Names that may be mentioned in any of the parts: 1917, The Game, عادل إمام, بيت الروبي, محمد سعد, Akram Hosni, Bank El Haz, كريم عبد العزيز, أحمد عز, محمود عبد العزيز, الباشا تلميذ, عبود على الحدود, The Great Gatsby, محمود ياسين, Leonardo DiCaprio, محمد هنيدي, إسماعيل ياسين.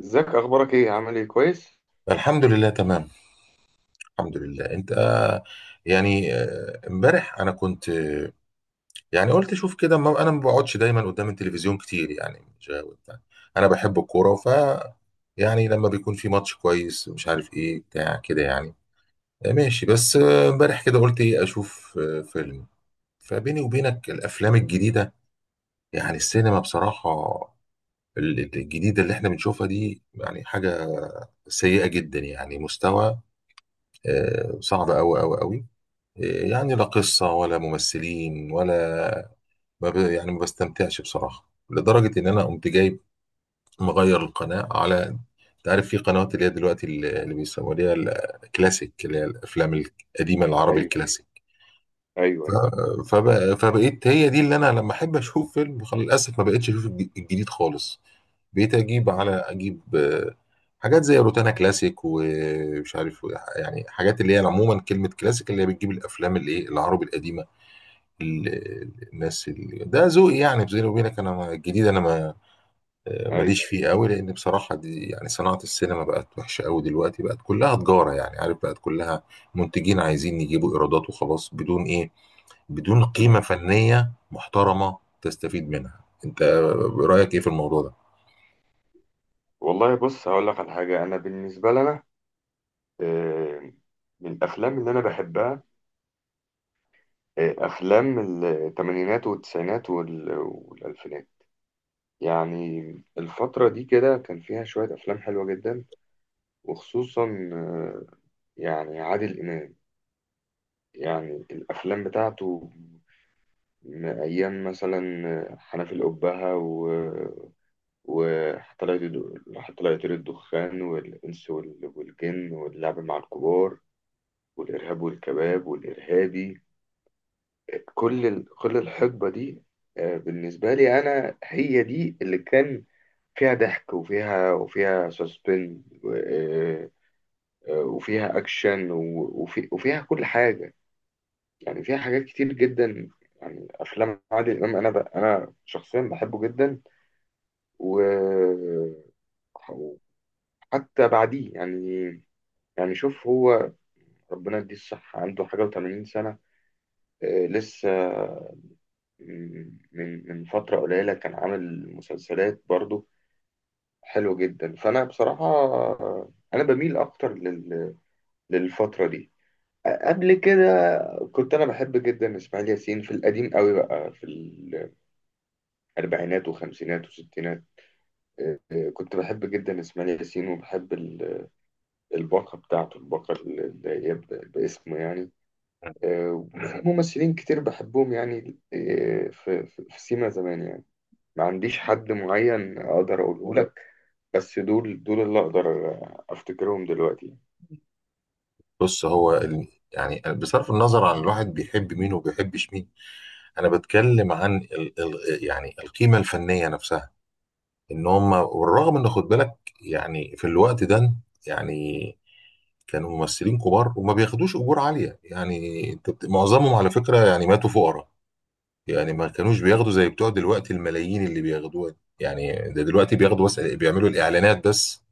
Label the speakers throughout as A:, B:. A: ازيك؟ اخبارك ايه؟ عامل ايه؟ كويس؟
B: الحمد لله تمام. الحمد لله. انت يعني امبارح انا كنت يعني قلت شوف كده، ما انا ما بقعدش دايما قدام التلفزيون كتير، يعني مش غاوي بتاع. انا بحب الكوره، ف يعني لما بيكون في ماتش كويس مش عارف ايه بتاع كده يعني ماشي. بس امبارح كده قلت ايه، اشوف فيلم. فبيني وبينك، الافلام الجديده يعني السينما بصراحه، الجديده اللي احنا بنشوفها دي يعني حاجه سيئه جدا، يعني مستوى صعب قوي قوي قوي. يعني لا قصة ولا ممثلين ولا ما ب... يعني ما بستمتعش بصراحة، لدرجة إن أنا قمت جايب مغير القناة على، أنت عارف، في قنوات اللي هي دلوقتي اللي بيسموها اللي هي الكلاسيك، اللي هي الأفلام القديمة، العربي
A: ايوه،
B: الكلاسيك.
A: ايوه،
B: ف...
A: ايوه.
B: فبقيت هي دي اللي أنا لما أحب أشوف فيلم، خلاص للأسف ما بقتش أشوف الجديد خالص. بقيت أجيب
A: مم.
B: على أجيب حاجات زي روتانا كلاسيك ومش عارف، يعني حاجات اللي هي عموما كلمة كلاسيك اللي هي بتجيب الأفلام اللي إيه العربي القديم. الناس اللي ده ذوقي يعني، بيني وبينك انا الجديد انا ما
A: ايوه.
B: ماليش فيه قوي، لان بصراحه دي يعني صناعه السينما بقت وحشه قوي دلوقتي، بقت كلها تجاره يعني، عارف، بقت كلها منتجين عايزين يجيبوا ايرادات وخلاص، بدون ايه، بدون قيمه
A: مم.
B: فنيه محترمه تستفيد منها انت. رايك ايه في الموضوع ده؟
A: والله، بص هقول لك على حاجه. انا بالنسبه لنا، آه، من الافلام اللي انا بحبها افلام الثمانينات والتسعينات والالفينات. يعني الفتره دي كده كان فيها شويه افلام حلوه جدا، وخصوصا آه، يعني عادل امام، يعني الافلام بتاعته من ايام، مثلا حنفي الأبهة، وطلعت الدخان، والإنس والجن، واللعب مع الكبار، والإرهاب والكباب، والإرهابي. كل الحقبة دي بالنسبة لي، أنا هي دي اللي كان فيها ضحك، وفيها سسبن، وفيها أكشن، وفيها كل حاجة. يعني فيها حاجات كتير جدا. يعني أفلام عادل إمام، أنا شخصيا بحبه جدا. و وحتى بعديه يعني. يعني شوف، هو ربنا يديه الصحة، عنده حاجة و80 سنة. لسه من فترة قليلة كان عامل مسلسلات برضو حلوة جدا. فأنا بصراحة أنا بميل أكتر للفترة دي. قبل كده كنت أنا بحب جدا إسماعيل ياسين في القديم قوي، بقى في الأربعينات وخمسينات وستينات. كنت بحب جدا إسماعيل ياسين، وبحب الباقة بتاعته، الباقة اللي هي باسمه يعني. وفي ممثلين كتير بحبهم يعني. في سيما زمان يعني. ما عنديش حد معين اقدر اقوله لك، بس دول دول اللي اقدر افتكرهم دلوقتي.
B: بص هو يعني بصرف النظر عن الواحد بيحب مين وبيحبش مين، انا بتكلم عن ال ال يعني القيمه الفنيه نفسها. ان هم، والرغم ان، خد بالك، يعني في الوقت ده يعني كانوا ممثلين كبار وما بياخدوش اجور عاليه. يعني انت معظمهم على فكره يعني ماتوا فقراء، يعني ما كانوش بياخدوا زي بتوع دلوقتي الملايين اللي بياخدوها. يعني ده دلوقتي بياخدوا بس بيعملوا الاعلانات بس،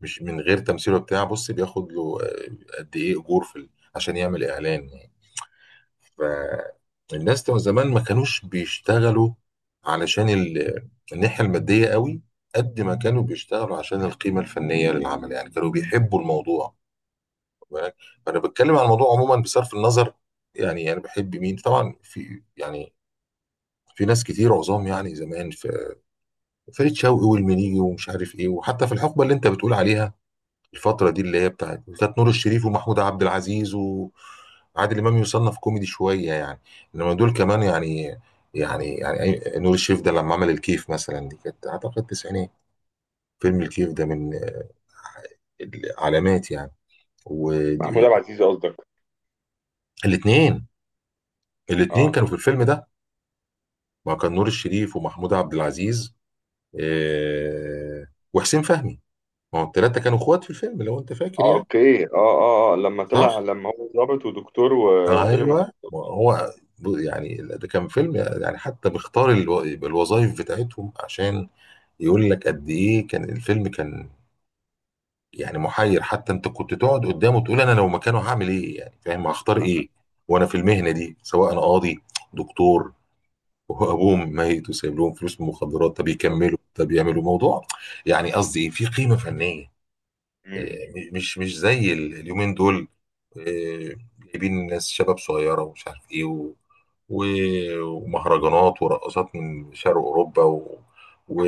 B: مش من غير تمثيل وبتاع. بص، بياخد له قد ايه اجور في عشان يعمل اعلان. فالناس زمان ما كانوش بيشتغلوا علشان الناحية المادية قوي قد ما كانوا بيشتغلوا عشان القيمة الفنية للعمل، يعني كانوا بيحبوا الموضوع. خد بالك؟ فأنا بتكلم عن الموضوع عموما، بصرف النظر، يعني أنا بحب مين طبعا. في، يعني، في ناس كتير عظام يعني زمان، في فريد شوقي والمنيجي ومش عارف إيه، وحتى في الحقبة اللي أنت بتقول عليها، الفترة دي اللي هي بتاعت، كانت نور الشريف ومحمود عبد العزيز وعادل إمام يصنف كوميدي شوية يعني، إنما دول كمان يعني، يعني نور الشريف ده لما عمل الكيف مثلا، دي كانت أعتقد تسعينات. فيلم الكيف ده من العلامات يعني.
A: محمود
B: والاثنين،
A: عبد العزيز قصدك؟
B: الاثنين
A: اه.
B: كانوا في الفيلم ده، ما كان نور الشريف ومحمود عبد العزيز آه، وحسين فهمي. ما هو الثلاثة كانوا اخوات في الفيلم لو انت فاكر
A: اه،
B: يعني.
A: اوكي، اه، اه، اه.
B: صح.
A: لما هو ضابط ودكتور وتاجر مخدرات.
B: ايوه ما هو يعني ده كان فيلم يعني، حتى بيختار الوظائف بتاعتهم عشان يقول لك قد ايه كان الفيلم. كان يعني محير، حتى انت كنت تقعد قدامه تقول انا لو مكانه هعمل ايه، يعني فاهم، هختار ايه وانا في المهنه دي، سواء انا قاضي، دكتور، وابوهم ميت وسايب لهم فلوس من المخدرات، طب
A: بالظبط.
B: يكملوا، طب يعملوا موضوع. يعني قصدي ايه، في قيمه فنيه
A: مم.
B: مش مش زي اليومين دول. آه، جايبين ناس شباب صغيرة ومش عارف ايه و... ومهرجانات ورقصات من شرق أوروبا و...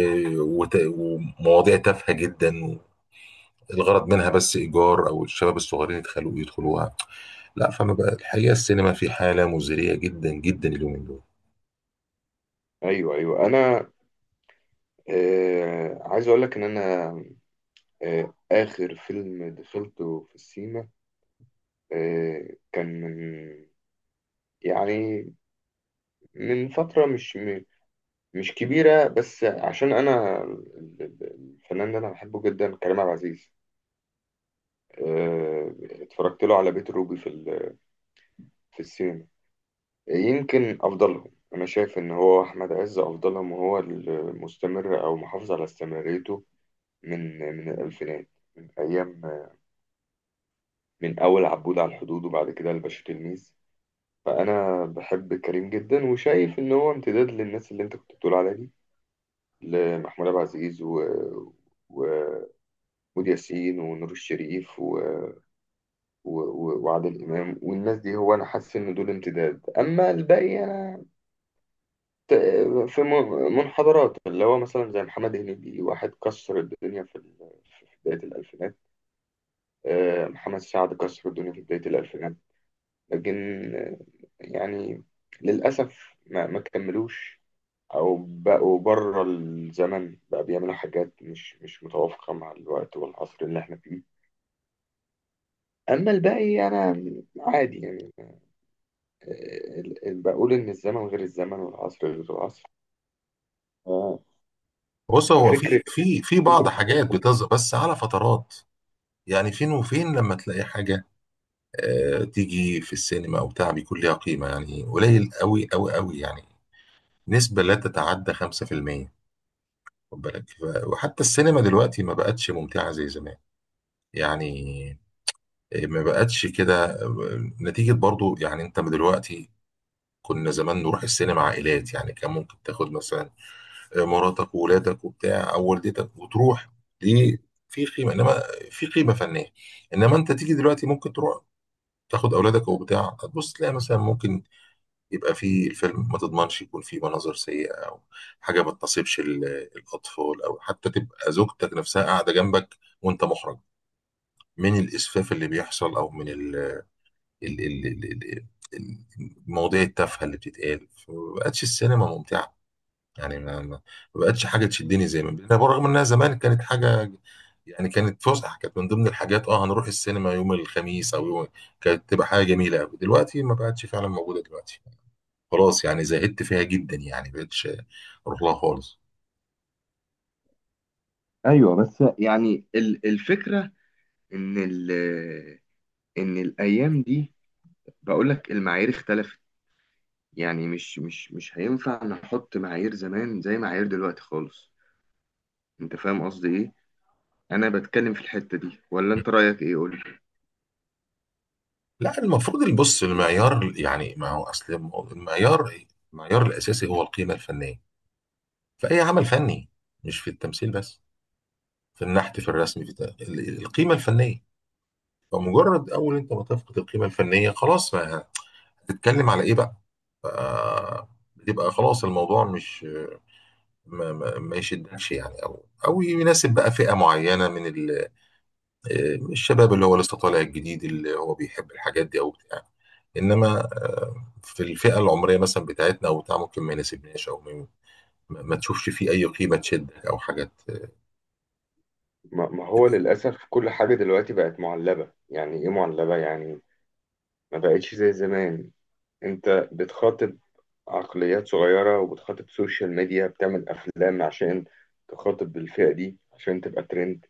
B: ومواضيع تافهة جدا، الغرض منها بس إيجار أو الشباب الصغيرين يدخلوا يدخلوها. لا، فأنا بقى الحقيقة السينما في حالة مزرية جدا جدا اليومين دول.
A: ايوه، ايوه. انا عايز اقول لك ان انا اخر فيلم دخلته في السينما كان من، يعني من فترة مش كبيرة. بس عشان أنا الفنان اللي أنا بحبه جدا كريم عبد العزيز. آه، اتفرجت له على بيت الروبي في السينما. يمكن أفضلهم، أنا شايف إن هو أحمد عز أفضلهم، وهو المستمر أو محافظ على استمراريته من الألفينات، من أيام، من أول عبود على الحدود، وبعد كده الباشا تلميذ. فأنا بحب كريم جدا، وشايف إن هو امتداد للناس اللي أنت كنت بتقول عليها دي، لمحمود عبد العزيز و... محمود ياسين ونور الشريف وعادل إمام والناس دي. هو أنا حاسس إن دول امتداد. أما الباقي أنا ت- في منحدرات، اللي هو مثلا زي محمد هنيدي، واحد كسر الدنيا في بداية الألفينات. محمد سعد كسر الدنيا في بداية الألفينات. لكن آه، يعني للأسف ما كملوش، أو بقوا بره الزمن، بقى بيعملوا حاجات مش متوافقة مع الوقت والعصر اللي احنا فيه. أما الباقي أنا عادي يعني. بقول إن الزمن غير الزمن، والعصر غير العصر. اه.
B: بص هو
A: ففكرة
B: في
A: فكرة
B: بعض حاجات
A: التقويم.
B: بتظهر بس على فترات. يعني فين وفين لما تلاقي حاجة تيجي في السينما او بتاع بيكون ليها قيمه، يعني قليل قوي قوي قوي، يعني نسبه لا تتعدى 5%. خد بالك؟ وحتى السينما دلوقتي ما بقتش ممتعه زي زمان، يعني ما بقتش كده نتيجه برضو يعني. انت من دلوقتي، كنا زمان نروح السينما عائلات، يعني كان ممكن تاخد مثلا مراتك وولادك وبتاع او والدتك وتروح. دي في قيمه، انما في قيمه فنيه. انما انت تيجي دلوقتي ممكن تروح تاخد اولادك وبتاع، تبص تلاقي مثلا ممكن يبقى في الفيلم ما تضمنش يكون فيه مناظر سيئة أو حاجة ما تناسبش الأطفال، أو حتى تبقى زوجتك نفسها قاعدة جنبك وأنت محرج من الإسفاف اللي بيحصل، أو من ال ال ال ال ال المواضيع التافهة اللي بتتقال. فما بقتش السينما ممتعة، يعني ما بقتش حاجة تشدني زي ما بقى، برغم إنها زمان كانت حاجة يعني. كانت فسحة، كانت من ضمن الحاجات. اه، هنروح السينما يوم الخميس أو يوم، كانت تبقى حاجة جميلة أوي. دلوقتي ما بقتش فعلا موجودة دلوقتي، خلاص يعني زهدت فيها جدا، يعني بقتش اروح لها خالص.
A: ايوه. بس يعني الفكره، ان ال ان الايام دي، بقول لك المعايير اختلفت. يعني مش هينفع نحط معايير زمان زي معايير دلوقتي خالص. انت فاهم قصدي ايه؟ انا بتكلم في الحته دي، ولا انت رايك ايه؟ قول لي.
B: لا المفروض، البص، المعيار، يعني ما هو اصل المعيار، المعيار الاساسي هو القيمه الفنيه في اي عمل فني، مش في التمثيل بس، في النحت، في الرسم، في القيمه الفنيه. فمجرد اول انت ما تفقد القيمه الفنيه خلاص، ما هتتكلم على ايه بقى. ف- بتبقى خلاص الموضوع مش ما يشدكش يعني، او او يناسب بقى فئه معينه من ال الشباب اللي هو لسه طالع الجديد اللي هو بيحب الحاجات دي او بتاع. انما في الفئه العمريه مثلا بتاعتنا او بتاع ممكن ما يناسبناش او ما ما تشوفش فيه اي قيمه تشدك او حاجات.
A: ما هو للأسف كل حاجة دلوقتي بقت معلبة. يعني إيه معلبة؟ يعني ما بقتش زي زمان. أنت بتخاطب عقليات صغيرة، وبتخاطب سوشيال ميديا، بتعمل أفلام عشان تخاطب الفئة دي عشان تبقى ترند.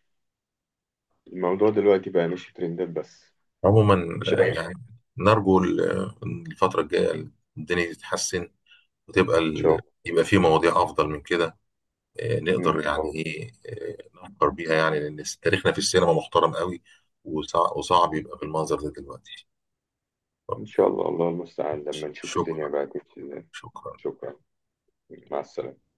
A: الموضوع دلوقتي بقى مش ترندات بس،
B: عموما
A: مش أي حاجة.
B: يعني نرجو الفتره الجايه الدنيا تتحسن، وتبقى
A: إن شاء الله.
B: يبقى في مواضيع افضل من كده.
A: إن
B: نقدر
A: شاء
B: يعني
A: الله.
B: ايه نفكر بيها، يعني لان تاريخنا في السينما محترم قوي. وصعب يبقى بالمنظر ده دلوقتي.
A: إن شاء الله، الله المستعان. لما نشوف
B: شكرا.
A: الدنيا بقى تمشي إزاي.
B: شكرا.
A: شكرا. مع السلامة.